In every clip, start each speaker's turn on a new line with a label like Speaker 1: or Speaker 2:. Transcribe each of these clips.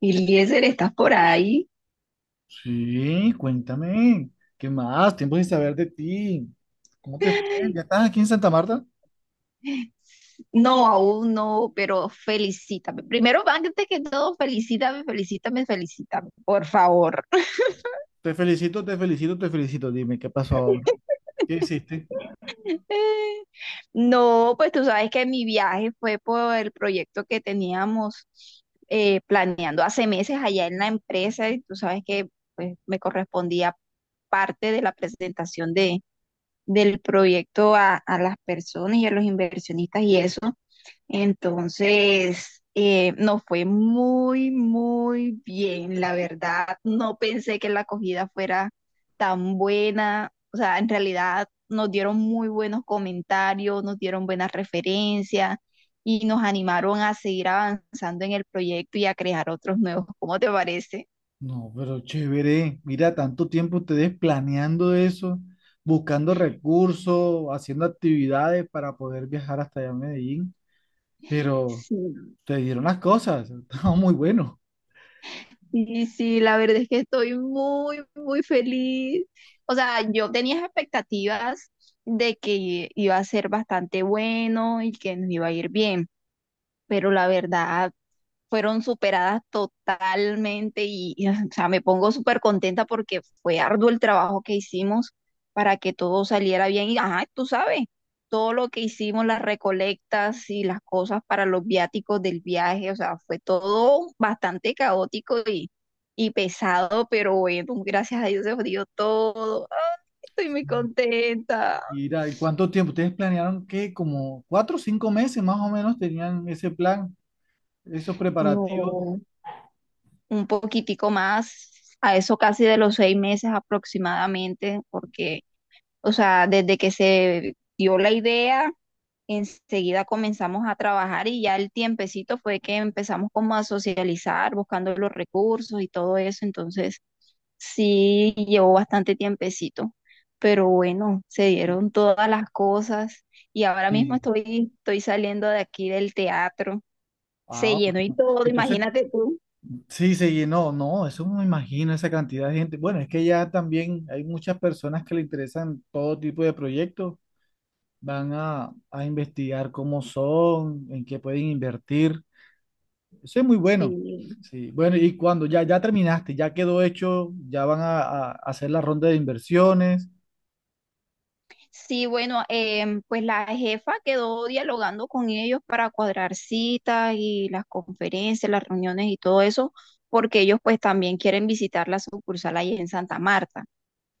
Speaker 1: Eliezer, ¿estás por ahí?
Speaker 2: Sí, cuéntame. ¿Qué más? Tiempo sin saber de ti. ¿Cómo te fue? ¿Ya estás aquí en Santa Marta?
Speaker 1: No, aún no, pero felicítame. Primero, antes que todo, felicítame, felicítame, felicítame, por favor.
Speaker 2: Te felicito, te felicito, te felicito. Dime, ¿qué pasó ahora? ¿Qué hiciste?
Speaker 1: No, pues tú sabes que mi viaje fue por el proyecto que teníamos planeando hace meses allá en la empresa, y tú sabes que, pues, me correspondía parte de la presentación del proyecto a las personas y a los inversionistas y eso. Entonces, nos fue muy, muy bien, la verdad. No pensé que la acogida fuera tan buena. O sea, en realidad nos dieron muy buenos comentarios, nos dieron buenas referencias y nos animaron a seguir avanzando en el proyecto y a crear otros nuevos. ¿Cómo te parece?
Speaker 2: No, pero chévere. Mira, tanto tiempo ustedes planeando eso, buscando recursos, haciendo actividades para poder viajar hasta allá a Medellín. Pero
Speaker 1: Sí.
Speaker 2: te dieron las cosas. Estaba muy bueno.
Speaker 1: Sí, sí, la verdad es que estoy muy, muy feliz. O sea, yo tenía expectativas de que iba a ser bastante bueno y que nos iba a ir bien, pero la verdad fueron superadas totalmente y o sea, me pongo súper contenta porque fue arduo el trabajo que hicimos para que todo saliera bien y, ajá, tú sabes, todo lo que hicimos, las recolectas y las cosas para los viáticos del viaje. O sea, fue todo bastante caótico y pesado, pero bueno, gracias a Dios se dio todo. Ay, estoy muy contenta.
Speaker 2: Mira, ¿y cuánto tiempo? ¿Ustedes planearon qué? Como 4 o 5 meses más o menos tenían ese plan, esos preparativos
Speaker 1: No, un poquitico más, a eso casi de los seis meses aproximadamente, porque, o sea, desde que se dio la idea, enseguida comenzamos a trabajar, y ya el tiempecito fue que empezamos como a socializar, buscando los recursos y todo eso. Entonces, sí, llevó bastante tiempecito, pero bueno, se dieron todas las cosas y ahora mismo
Speaker 2: y
Speaker 1: estoy saliendo de aquí del teatro. Se
Speaker 2: ah,
Speaker 1: llenó y
Speaker 2: bueno.
Speaker 1: todo,
Speaker 2: Entonces,
Speaker 1: imagínate tú.
Speaker 2: sí se llenó, no, eso me imagino esa cantidad de gente. Bueno, es que ya también hay muchas personas que le interesan todo tipo de proyectos, van a investigar cómo son, en qué pueden invertir. Eso es muy bueno.
Speaker 1: Sí.
Speaker 2: Sí, bueno, y cuando ya, ya terminaste, ya quedó hecho, ya van a hacer la ronda de inversiones.
Speaker 1: Sí, bueno, pues la jefa quedó dialogando con ellos para cuadrar citas y las conferencias, las reuniones y todo eso, porque ellos pues también quieren visitar la sucursal ahí en Santa Marta.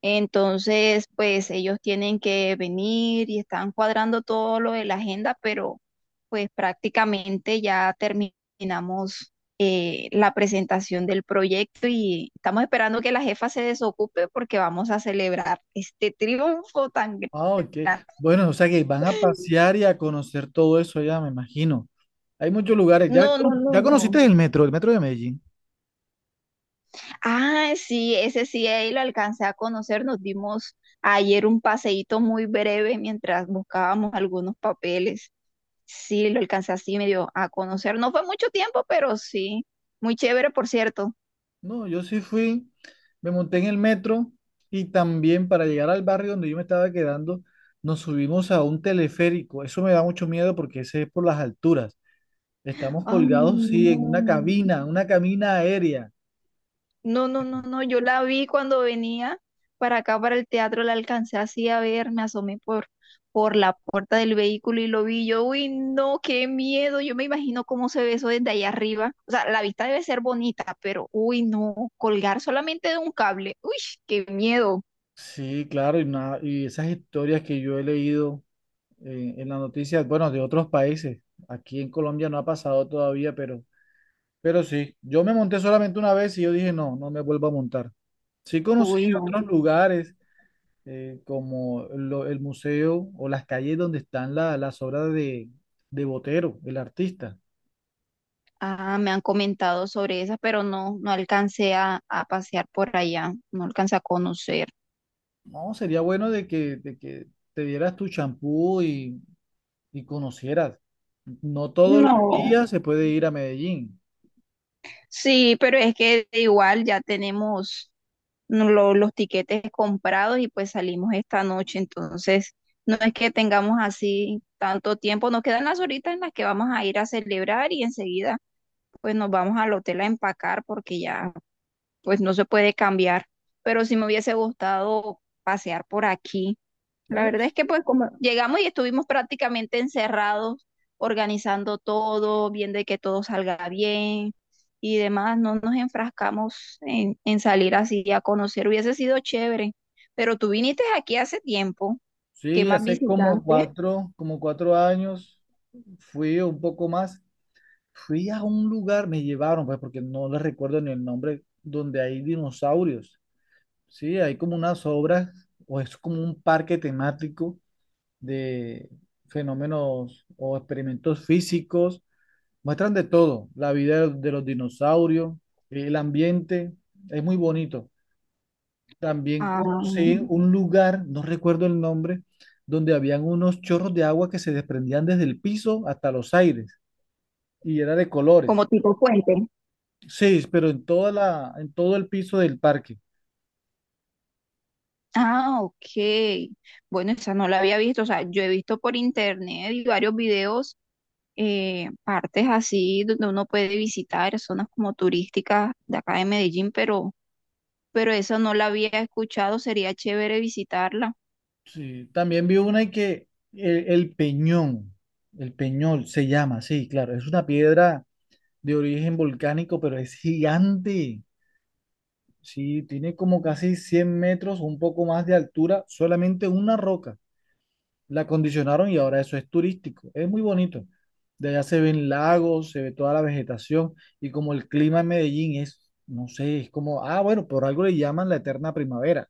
Speaker 1: Entonces, pues ellos tienen que venir y están cuadrando todo lo de la agenda, pero pues prácticamente ya terminamos la presentación del proyecto, y estamos esperando que la jefa se desocupe porque vamos a celebrar este triunfo tan grande.
Speaker 2: Ah, ok. Bueno, o sea que van a pasear y a conocer todo eso allá, me imagino. Hay muchos lugares. ¿Ya,
Speaker 1: No, no, no,
Speaker 2: ya
Speaker 1: no.
Speaker 2: conociste el metro de Medellín?
Speaker 1: Ah, sí, ese sí, ahí lo alcancé a conocer. Nos dimos ayer un paseíto muy breve mientras buscábamos algunos papeles. Sí, lo alcancé así medio a conocer. No fue mucho tiempo, pero sí, muy chévere, por cierto.
Speaker 2: No, yo sí fui, me monté en el metro y también para llegar al barrio donde yo me estaba quedando, nos subimos a un teleférico. Eso me da mucho miedo porque ese es por las alturas. Estamos
Speaker 1: Ah,
Speaker 2: colgados, sí, en
Speaker 1: no.
Speaker 2: una cabina aérea.
Speaker 1: No, no, no, no, yo la vi cuando venía para acá, para el teatro, la alcancé así a ver, me asomé por la puerta del vehículo y lo vi yo, uy, no, qué miedo, yo me imagino cómo se ve eso desde allá arriba, o sea, la vista debe ser bonita, pero, uy, no, colgar solamente de un cable, uy, qué miedo,
Speaker 2: Sí, claro, y, y esas historias que yo he leído en las noticias, bueno, de otros países. Aquí en Colombia no ha pasado todavía, pero sí. Yo me monté solamente una vez y yo dije, no, no me vuelvo a montar. Sí conocí
Speaker 1: uy, no,
Speaker 2: otros lugares, como el museo o las calles donde están las obras de Botero, el artista.
Speaker 1: ah, me han comentado sobre esa, pero no, no alcancé a pasear por allá, no alcancé a conocer.
Speaker 2: No, sería bueno de que te dieras tu champú y conocieras. No todos los
Speaker 1: No.
Speaker 2: días se puede ir a Medellín.
Speaker 1: Sí, pero es que igual ya tenemos los tiquetes comprados, y pues salimos esta noche. Entonces, no es que tengamos así tanto tiempo, nos quedan las horitas en las que vamos a ir a celebrar y enseguida pues nos vamos al hotel a empacar porque ya pues no se puede cambiar. Pero sí me hubiese gustado pasear por aquí. La
Speaker 2: Bueno,
Speaker 1: verdad es que pues como llegamos y estuvimos prácticamente encerrados, organizando todo, viendo que todo salga bien y demás, no nos enfrascamos en salir así a conocer, hubiese sido chévere, pero tú viniste aquí hace tiempo, ¿qué
Speaker 2: sí,
Speaker 1: más
Speaker 2: hace
Speaker 1: visitaste?
Speaker 2: como 4 años, fui un poco más, fui a un lugar, me llevaron, pues porque no les recuerdo ni el nombre, donde hay dinosaurios. Sí, hay como unas obras, o es como un parque temático de fenómenos o experimentos físicos. Muestran de todo, la vida de los dinosaurios, el ambiente, es muy bonito. También
Speaker 1: Ah,
Speaker 2: conocí un lugar, no recuerdo el nombre, donde habían unos chorros de agua que se desprendían desde el piso hasta los aires y era de colores.
Speaker 1: como tipo puente.
Speaker 2: Sí, pero en toda la, en todo el piso del parque.
Speaker 1: Ah, ok. Bueno, esa no la había visto. O sea, yo he visto por internet y varios videos, partes así donde uno puede visitar, zonas como turísticas de acá de Medellín, pero esa no la había escuchado, sería chévere visitarla.
Speaker 2: Sí, también vi una y que el Peñón, el Peñol se llama, sí, claro, es una piedra de origen volcánico, pero es gigante. Sí, tiene como casi 100 m, un poco más de altura, solamente una roca. La acondicionaron y ahora eso es turístico. Es muy bonito. De allá se ven lagos, se ve toda la vegetación y como el clima en Medellín es, no sé, es como, ah, bueno, por algo le llaman la eterna primavera.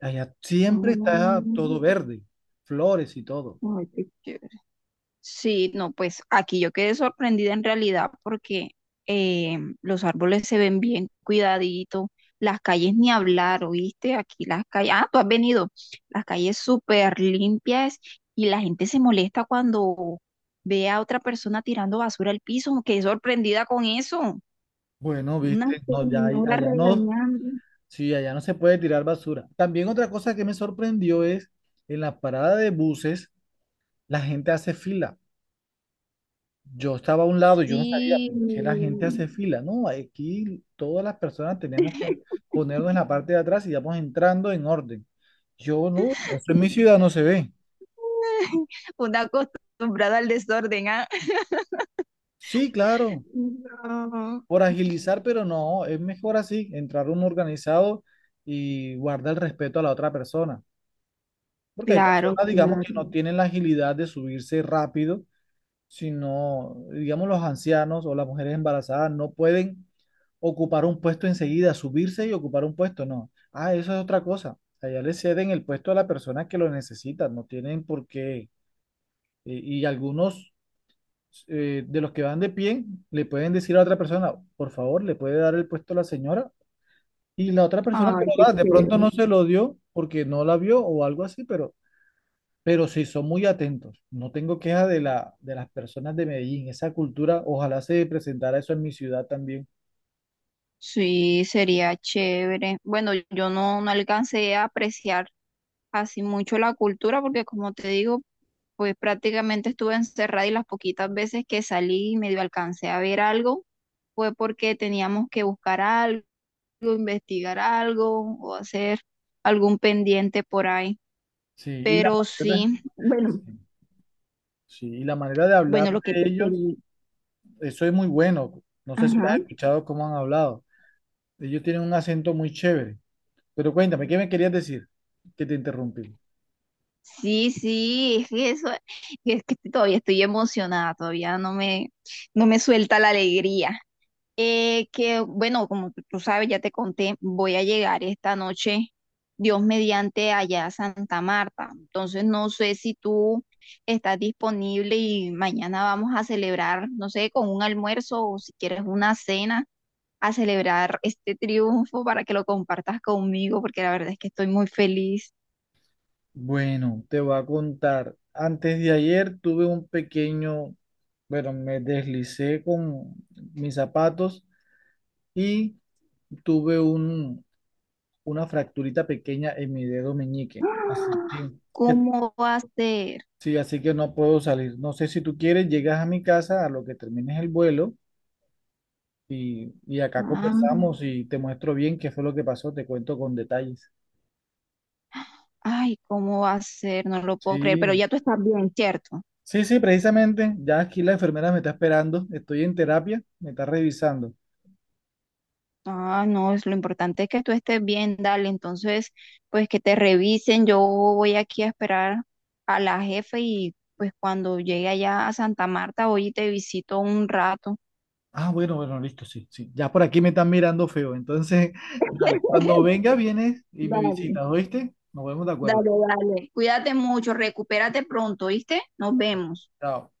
Speaker 2: Allá siempre
Speaker 1: Ah,
Speaker 2: está todo verde, flores y todo.
Speaker 1: ay, qué chévere. Sí, no, pues aquí yo quedé sorprendida en realidad porque, los árboles se ven bien cuidaditos, las calles ni hablar, ¿oíste? Aquí las calles, ah, tú has venido, las calles súper limpias, y la gente se molesta cuando ve a otra persona tirando basura al piso. Quedé sorprendida con eso.
Speaker 2: Bueno,
Speaker 1: Una
Speaker 2: viste, no, ya,
Speaker 1: señora
Speaker 2: allá no,
Speaker 1: regañando.
Speaker 2: sí, allá no se puede tirar basura. También otra cosa que me sorprendió es en la parada de buses, la gente hace fila. Yo estaba a un lado y yo no sabía
Speaker 1: Sí,
Speaker 2: por qué la gente hace fila. No, aquí todas las personas tenemos que ponernos en la parte de atrás y vamos entrando en orden. Yo no, eso en mi ciudad no se ve.
Speaker 1: una acostumbrada al desorden, ¿ah?
Speaker 2: Sí, claro,
Speaker 1: No.
Speaker 2: por agilizar, pero no, es mejor así, entrar uno organizado y guarda el respeto a la otra persona. Porque hay
Speaker 1: Claro,
Speaker 2: personas, digamos,
Speaker 1: claro.
Speaker 2: que no tienen la agilidad de subirse rápido si no, digamos, los ancianos o las mujeres embarazadas no pueden ocupar un puesto enseguida, subirse y ocupar un puesto, no. Ah, eso es otra cosa. O sea, ya le ceden el puesto a la persona que lo necesita, no tienen por qué. Y algunos, de los que van de pie le pueden decir a otra persona, por favor, le puede dar el puesto a la señora. Y la otra persona que
Speaker 1: Ay,
Speaker 2: lo
Speaker 1: qué
Speaker 2: da, de pronto
Speaker 1: chévere.
Speaker 2: no se lo dio porque no la vio o algo así, pero sí son muy atentos. No tengo queja de de las personas de Medellín. Esa cultura, ojalá se presentara eso en mi ciudad también.
Speaker 1: Sí, sería chévere. Bueno, yo no, no alcancé a apreciar así mucho la cultura porque, como te digo, pues prácticamente estuve encerrada, y las poquitas veces que salí y medio alcancé a ver algo fue porque teníamos que buscar algo, investigar algo o hacer algún pendiente por ahí.
Speaker 2: Sí,
Speaker 1: Pero sí, bueno,
Speaker 2: sí, sí, y la manera de
Speaker 1: bueno,
Speaker 2: hablar
Speaker 1: lo que
Speaker 2: de
Speaker 1: te
Speaker 2: ellos,
Speaker 1: pedí.
Speaker 2: eso es muy bueno. No sé si
Speaker 1: Ajá.
Speaker 2: lo has escuchado cómo han hablado. Ellos tienen un acento muy chévere. Pero cuéntame, ¿qué me querías decir? Que te interrumpí.
Speaker 1: Sí, sí, es que eso, es que todavía estoy emocionada, todavía no me, no me suelta la alegría. Que bueno, como tú sabes, ya te conté, voy a llegar esta noche, Dios mediante, allá a Santa Marta. Entonces no sé si tú estás disponible y mañana vamos a celebrar, no sé, con un almuerzo, o si quieres una cena, a celebrar este triunfo para que lo compartas conmigo, porque la verdad es que estoy muy feliz.
Speaker 2: Bueno, te voy a contar. Antes de ayer tuve bueno, me deslicé con mis zapatos y tuve una fracturita pequeña en mi dedo meñique. Así que, eh,
Speaker 1: ¿Cómo va a ser?
Speaker 2: sí, así que no puedo salir. No sé si tú quieres, llegas a mi casa a lo que termines el vuelo y acá
Speaker 1: Ah,
Speaker 2: conversamos y te muestro bien qué fue lo que pasó, te cuento con detalles.
Speaker 1: ay, ¿cómo va a ser? No lo puedo creer, pero
Speaker 2: Sí,
Speaker 1: ya tú estás bien, ¿cierto?
Speaker 2: sí, sí, precisamente. Ya aquí la enfermera me está esperando, estoy en terapia, me está revisando.
Speaker 1: Ah, no, es, lo importante es que tú estés bien, dale. Entonces, pues que te revisen. Yo voy aquí a esperar a la jefe y pues cuando llegue allá a Santa Marta, voy y te visito un rato.
Speaker 2: Ah, bueno, bueno, listo, sí, sí. Ya por aquí me están mirando feo. Entonces, dale, cuando venga vienes y me
Speaker 1: Dale,
Speaker 2: visitas, ¿oíste? Nos vemos de
Speaker 1: dale,
Speaker 2: acuerdo.
Speaker 1: dale. Cuídate mucho, recupérate pronto, ¿viste? Nos
Speaker 2: Pero,
Speaker 1: vemos.
Speaker 2: chao.